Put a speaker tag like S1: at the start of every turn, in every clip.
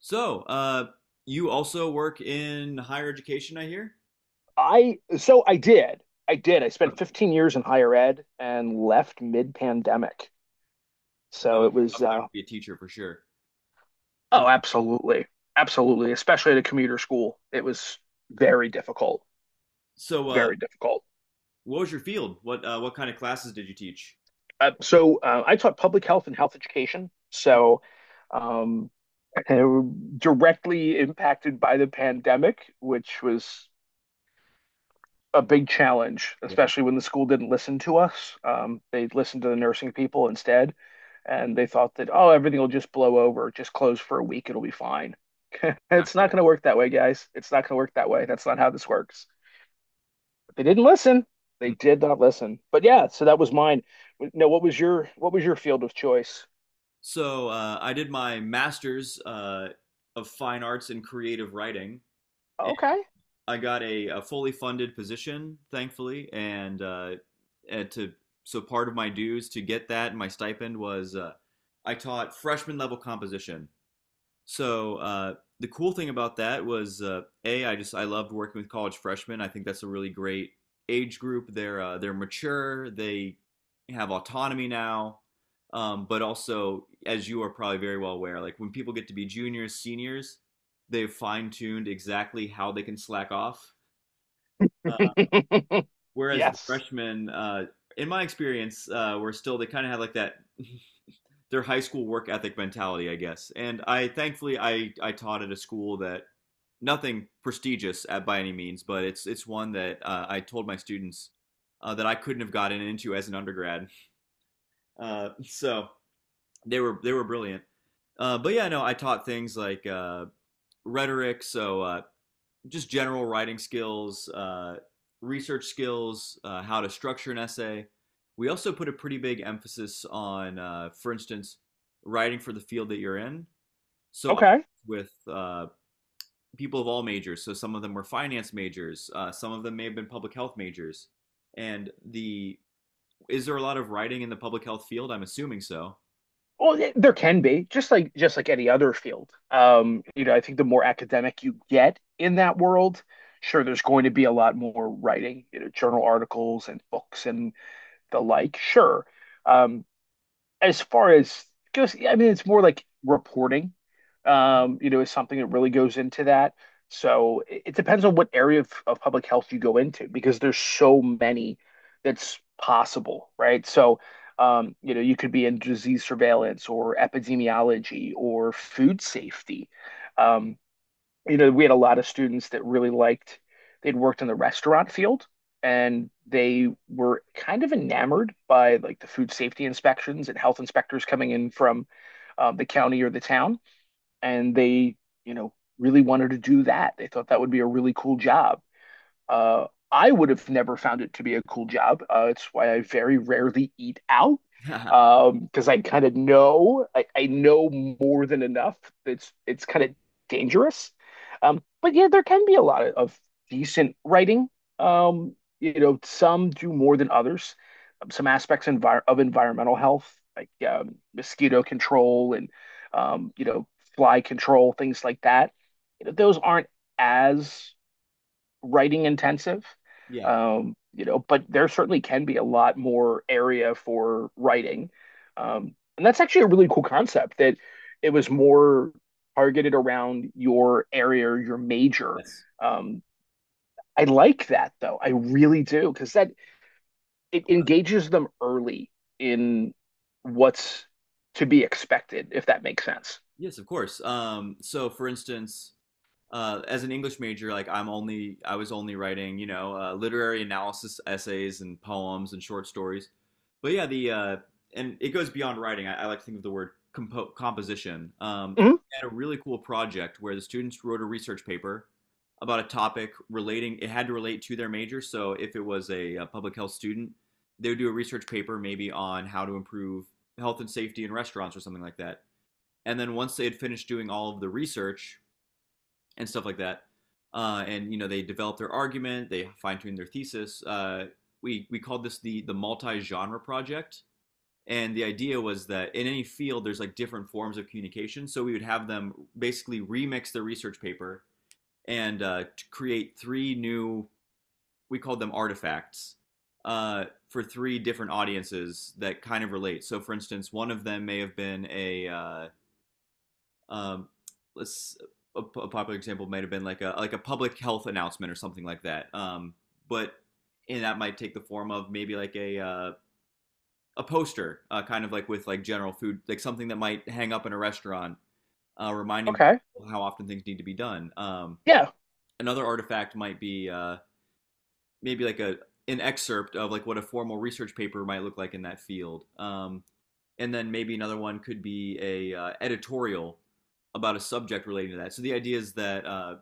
S1: So, uh, you also work in higher education, I hear?
S2: I so I did. I did. I spent
S1: Okay,
S2: 15 years in higher ed and left mid-pandemic.
S1: that
S2: So
S1: was
S2: it
S1: a
S2: was,
S1: tough time to be a teacher for sure. Um,
S2: oh, absolutely. Absolutely, especially at a commuter school. It was very difficult.
S1: so, uh,
S2: Very difficult.
S1: what was your field? What kind of classes did you teach?
S2: So I taught public health and health education. So, um uh, directly impacted by the pandemic, which was a big challenge,
S1: Yeah,
S2: especially when the school didn't listen to us. They listened to the nursing people instead, and they thought that, oh, everything will just blow over, just close for a week, it'll be fine.
S1: not
S2: It's not
S1: quite.
S2: going to work that way, guys. It's not going to work that way. That's not how this works. But they didn't listen. They
S1: Mm.
S2: did not listen. But yeah, so that was mine. No, what was your field of choice?
S1: I did my master's of fine arts in creative writing, and
S2: Okay.
S1: I got a fully funded position, thankfully. And to so part of my dues to get that, my stipend was I taught freshman level composition. So uh, the cool thing about that was a I just I loved working with college freshmen. I think that's a really great age group. They're mature. They have autonomy now. But also, as you are probably very well aware, like when people get to be juniors, seniors, they've fine tuned exactly how they can slack off. Uh, Whereas the
S2: Yes.
S1: freshmen, in my experience, were still they kind of had like that their high school work ethic mentality, I guess. And I thankfully I taught at a school that nothing prestigious at, by any means, but it's one that I told my students that I couldn't have gotten into as an undergrad. So they were brilliant. But yeah, no, I taught things like rhetoric, just general writing skills, research skills, how to structure an essay. We also put a pretty big emphasis on, for instance, writing for the field that you're in. So I
S2: Okay.
S1: worked with people of all majors. So some of them were finance majors. Some of them may have been public health majors. And the Is there a lot of writing in the public health field? I'm assuming so.
S2: Well, there can be just like any other field. I think the more academic you get in that world, sure, there's going to be a lot more writing, journal articles and books and the like. Sure, um, as far as goes, yeah, I mean, it's more like reporting, is something that really goes into that. So it depends on what area of public health you go into because there's so many that's possible, right? So, you could be in disease surveillance or epidemiology or food safety. Um, we had a lot of students that really liked, they'd worked in the restaurant field and they were kind of enamored by like the food safety inspections and health inspectors coming in from, the county or the town. And they, you know, really wanted to do that. They thought that would be a really cool job. I would have never found it to be a cool job. It's why I very rarely eat out, because I kind of know I know more than enough. It's kind of dangerous. But yeah, there can be a lot of decent writing. Some do more than others. Some aspects envir of environmental health, like, mosquito control and um, you know, fly control, things like that. Those aren't as writing intensive.
S1: Yeah.
S2: But there certainly can be a lot more area for writing. And that's actually a really cool concept that it was more targeted around your area or your major.
S1: That's
S2: Um, I like that though. I really do because that it engages them early in what's to be expected, if that makes sense.
S1: Yes, of course. So for instance, as an English major, like I was only writing, you know, literary analysis essays and poems and short stories. But yeah, the and it goes beyond writing. I like to think of the word composition.
S2: Mhm.
S1: I had a really cool project where the students wrote a research paper about a topic relating. It had to relate to their major. So if it was a, public health student, they would do a research paper maybe on how to improve health and safety in restaurants or something like that. And then once they had finished doing all of the research, and stuff like that. And you know they develop their argument, they fine tune their thesis. We called this the multi genre project, and the idea was that in any field there's like different forms of communication. So we would have them basically remix their research paper and to create three new, we called them artifacts for three different audiences that kind of relate. So for instance, one of them may have been um, let's a popular example might have been like a public health announcement or something like that. But and that might take the form of maybe like a poster, kind of like with like general food, like something that might hang up in a restaurant, reminding
S2: Okay.
S1: people how often things need to be done.
S2: Yeah.
S1: Another artifact might be maybe like a an excerpt of like what a formal research paper might look like in that field. And then maybe another one could be a editorial about a subject relating to that. So the idea is that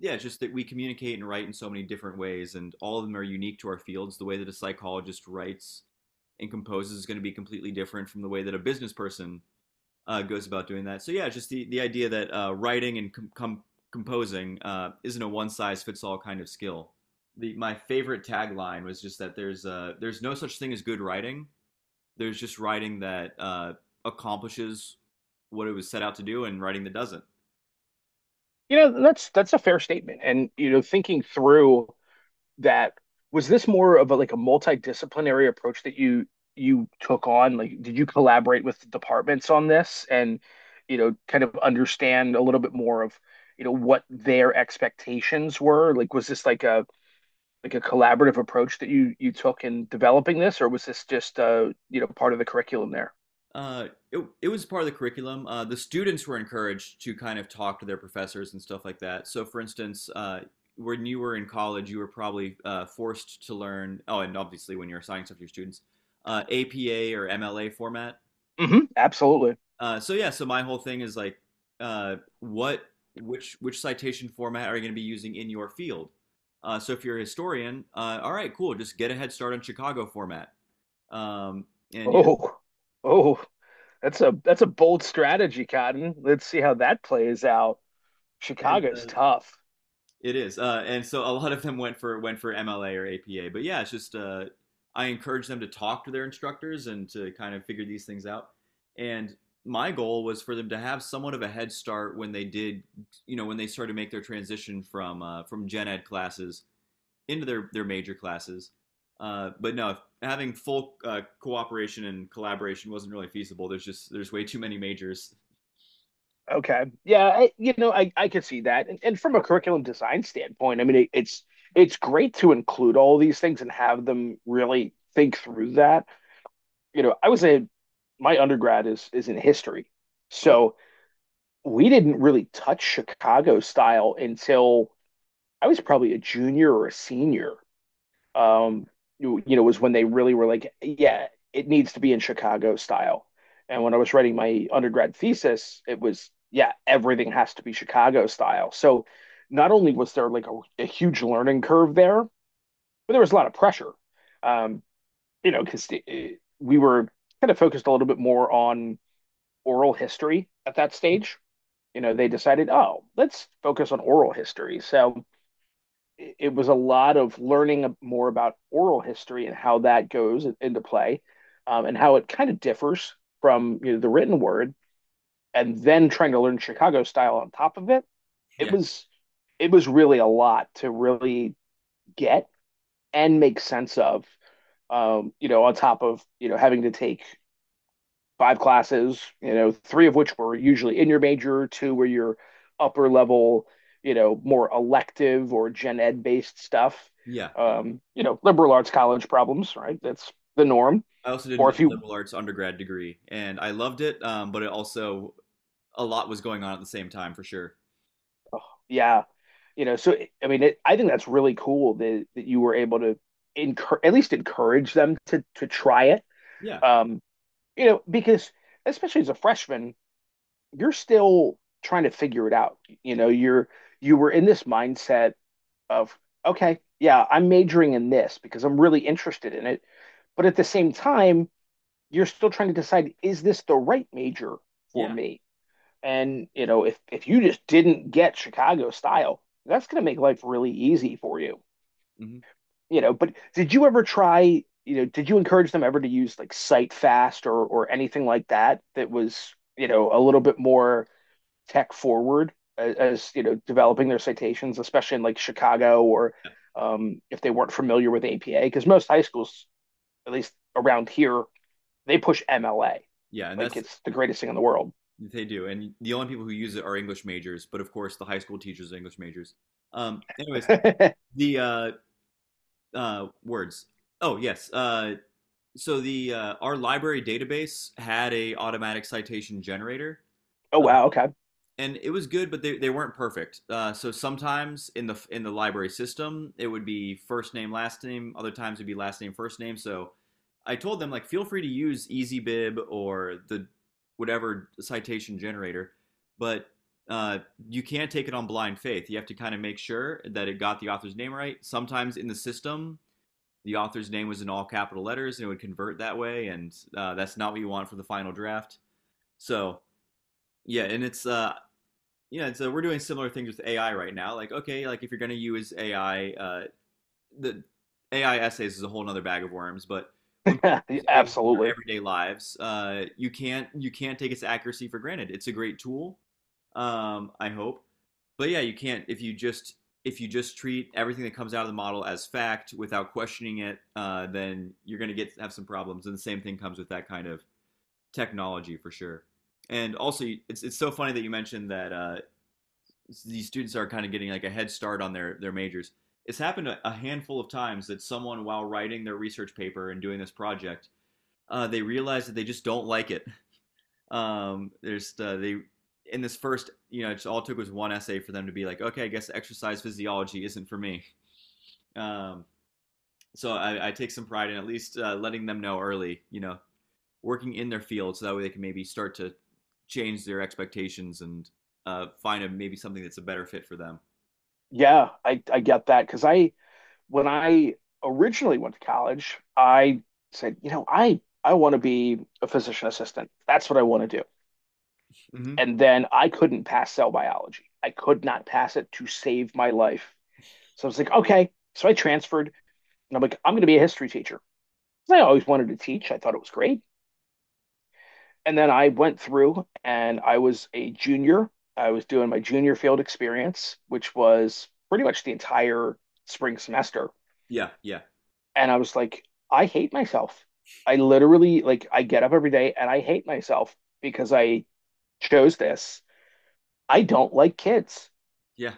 S1: yeah, just that we communicate and write in so many different ways, and all of them are unique to our fields. The way that a psychologist writes and composes is going to be completely different from the way that a business person goes about doing that. So yeah, just the idea that writing and composing isn't a one size fits all kind of skill. My favorite tagline was just that there's no such thing as good writing, there's just writing that accomplishes what it was set out to do and writing that doesn't.
S2: That's a fair statement. And thinking through that, was this more of like a multidisciplinary approach that you took on? Like, did you collaborate with departments on this and kind of understand a little bit more of what their expectations were? Like, was this like a collaborative approach that you took in developing this, or was this just part of the curriculum there?
S1: It was part of the curriculum. The students were encouraged to kind of talk to their professors and stuff like that. So, for instance, when you were in college, you were probably forced to learn, oh, and obviously when you're assigning stuff to your students, APA or MLA format.
S2: Hmm, absolutely.
S1: Yeah, so my whole thing is like, uh, what, which citation format are you going to be using in your field? So if you're a historian, all right, cool, just get a head start on Chicago format. Um, and yeah,
S2: Oh, oh, that's a bold strategy, Cotton. Let's see how that plays out.
S1: and
S2: Chicago's tough.
S1: it is. And so a lot of them went for MLA or APA. But yeah, it's just I encourage them to talk to their instructors and to kind of figure these things out. And my goal was for them to have somewhat of a head start when they did, you know, when they started to make their transition from gen ed classes into their major classes. But No, having full cooperation and collaboration wasn't really feasible. There's way too many majors.
S2: Okay. Yeah, I, you know, I can see that. And from a curriculum design standpoint, I mean, it's great to include all these things and have them really think through that. You know, I was a My undergrad is in history.
S1: Oh.
S2: So we didn't really touch Chicago style until I was probably a junior or a senior. um was when they really were like, yeah, it needs to be in Chicago style. And when I was writing my undergrad thesis, it was, yeah, everything has to be Chicago style. So not only was there like a huge learning curve there, but there was a lot of pressure, um because we were kind of focused a little bit more on oral history at that stage. They decided, oh, let's focus on oral history. So it was a lot of learning more about oral history and how that goes into play, and how it kind of differs from, the written word. And then trying to learn Chicago style on top of it. it
S1: Yeah,
S2: was it was really a lot to really get and make sense of, on top of having to take five classes, three of which were usually in your major, two were your upper level, more elective or gen ed based stuff.
S1: yeah, yeah.
S2: Liberal arts college problems, right? That's the norm.
S1: I also did
S2: Or
S1: a
S2: if you,
S1: liberal arts undergrad degree, and I loved it. But it also a lot was going on at the same time for sure.
S2: Yeah, so I mean, I think that's really cool that you were able to encourage, at least encourage them to try it.
S1: Yeah,
S2: Um, because especially as a freshman, you're still trying to figure it out. You know, you were in this mindset of, okay, yeah, I'm majoring in this because I'm really interested in it. But at the same time, you're still trying to decide, is this the right major for
S1: yeah,
S2: me? And if you just didn't get Chicago style, that's going to make life really easy for you.
S1: hmm
S2: But did you ever try? Did you encourage them ever to use like Cite Fast or anything like that that was a little bit more tech forward, as developing their citations, especially in like Chicago, or,
S1: yeah,
S2: if they weren't familiar with APA, because most high schools, at least around here, they push MLA
S1: yeah. And
S2: like
S1: that's
S2: it's the greatest thing in the world.
S1: they do. And the only people who use it are English majors, but of course the high school teachers are English majors. Anyways,
S2: Oh,
S1: the words. Oh yes, so the our library database had a automatic citation generator uh,
S2: wow,
S1: and it was good but they weren't perfect so sometimes in the library system it would be first name last name other times it'd be last name first name so I told them like feel free to use EasyBib or the whatever citation generator but uh, you can't take it on blind faith you have to kind of make sure that it got the author's name right sometimes in the system the author's name was in all capital letters and it would convert that way and that's not what you want for the final draft so yeah and it's yeah so we're doing similar things with AI right now like okay like if you're going to use AI the AI essays is a whole nother bag of worms, but when people
S2: okay,
S1: use AI in their
S2: absolutely,
S1: everyday lives, you can't take its accuracy for granted. It's a great tool, I hope, but yeah, you can't if you just treat everything that comes out of the model as fact without questioning it, then you're going to get have some problems. And the same thing comes with that kind of technology for sure. And also, it's so funny that you mentioned that these students are kind of getting like a head start on their majors. It's happened a, handful of times that someone, while writing their research paper and doing this project, they realize that they just don't like it. There's they in this first, you know, it all took was one essay for them to be like, okay, I guess exercise physiology isn't for me. Um, so I take some pride in at least letting them know early, you know, working in their field, so that way they can maybe start to change their expectations and find a, maybe something that's a better fit for them.
S2: yeah, I get that because I when I originally went to college, I said, I want to be a physician assistant. That's what I want to do.
S1: Mm-hmm.
S2: And then I couldn't pass cell biology. I could not pass it to save my life. So I was like, okay. So I transferred, and I'm like, I'm going to be a history teacher. So I always wanted to teach. I thought it was great. And then I went through and I was a junior. I was doing my junior field experience, which was pretty much the entire spring semester.
S1: Yeah, yeah,
S2: And I was like, I hate myself. I literally, like, I get up every day and I hate myself because I chose this. I don't like kids.
S1: yeah.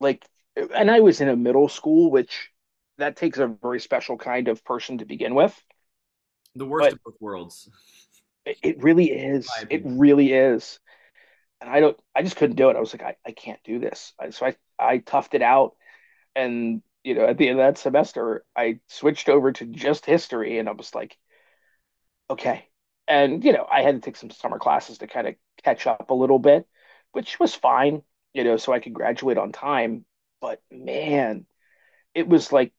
S2: Like, and I was in a middle school, which that takes a very special kind of person to begin with,
S1: The worst
S2: but
S1: of both worlds,
S2: it really
S1: in my
S2: is. It
S1: opinion.
S2: really is. And I just couldn't do it. I was like, I can't do this. So I toughed it out, and at the end of that semester, I switched over to just history and I was like, okay. And I had to take some summer classes to kind of catch up a little bit, which was fine, so I could graduate on time. But man, it was like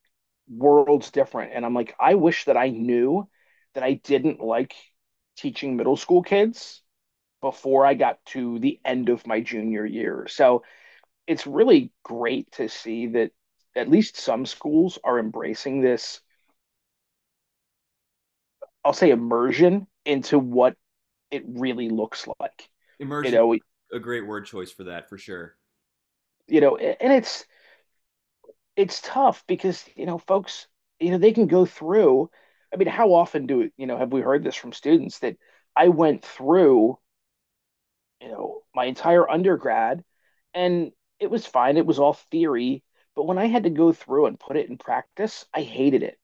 S2: worlds different. And I'm like, I wish that I knew that I didn't like teaching middle school kids before I got to the end of my junior year. So it's really great to see that at least some schools are embracing this, I'll say, immersion into what it really looks like. You
S1: Emergency,
S2: know,
S1: a great word choice for that, for sure.
S2: and it's tough because folks, they can go through, I mean, how often do have we heard this from students that I went through, my entire undergrad, and it was fine, it was all theory, but when I had to go through and put it in practice, I hated it.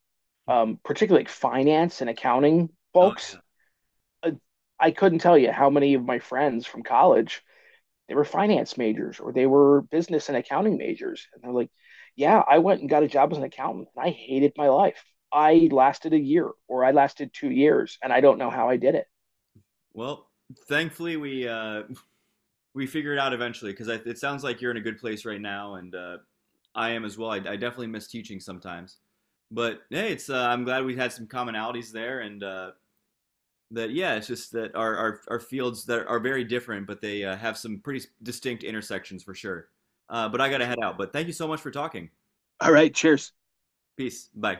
S2: Particularly like finance and accounting
S1: Oh, yeah.
S2: folks. uh, I couldn't tell you how many of my friends from college, they were finance majors or they were business and accounting majors. And they're like, yeah, I went and got a job as an accountant and I hated my life. I lasted a year or I lasted 2 years and I don't know how I did it.
S1: Well, Thankfully we figured it out eventually because it sounds like you're in a good place right now, and I am as well. I definitely miss teaching sometimes, but hey, it's I'm glad we had some commonalities there, and that yeah, it's just that our our fields that are very different, but they have some pretty distinct intersections for sure. But I gotta head out. But thank you so much for talking.
S2: All right, cheers.
S1: Peace. Bye.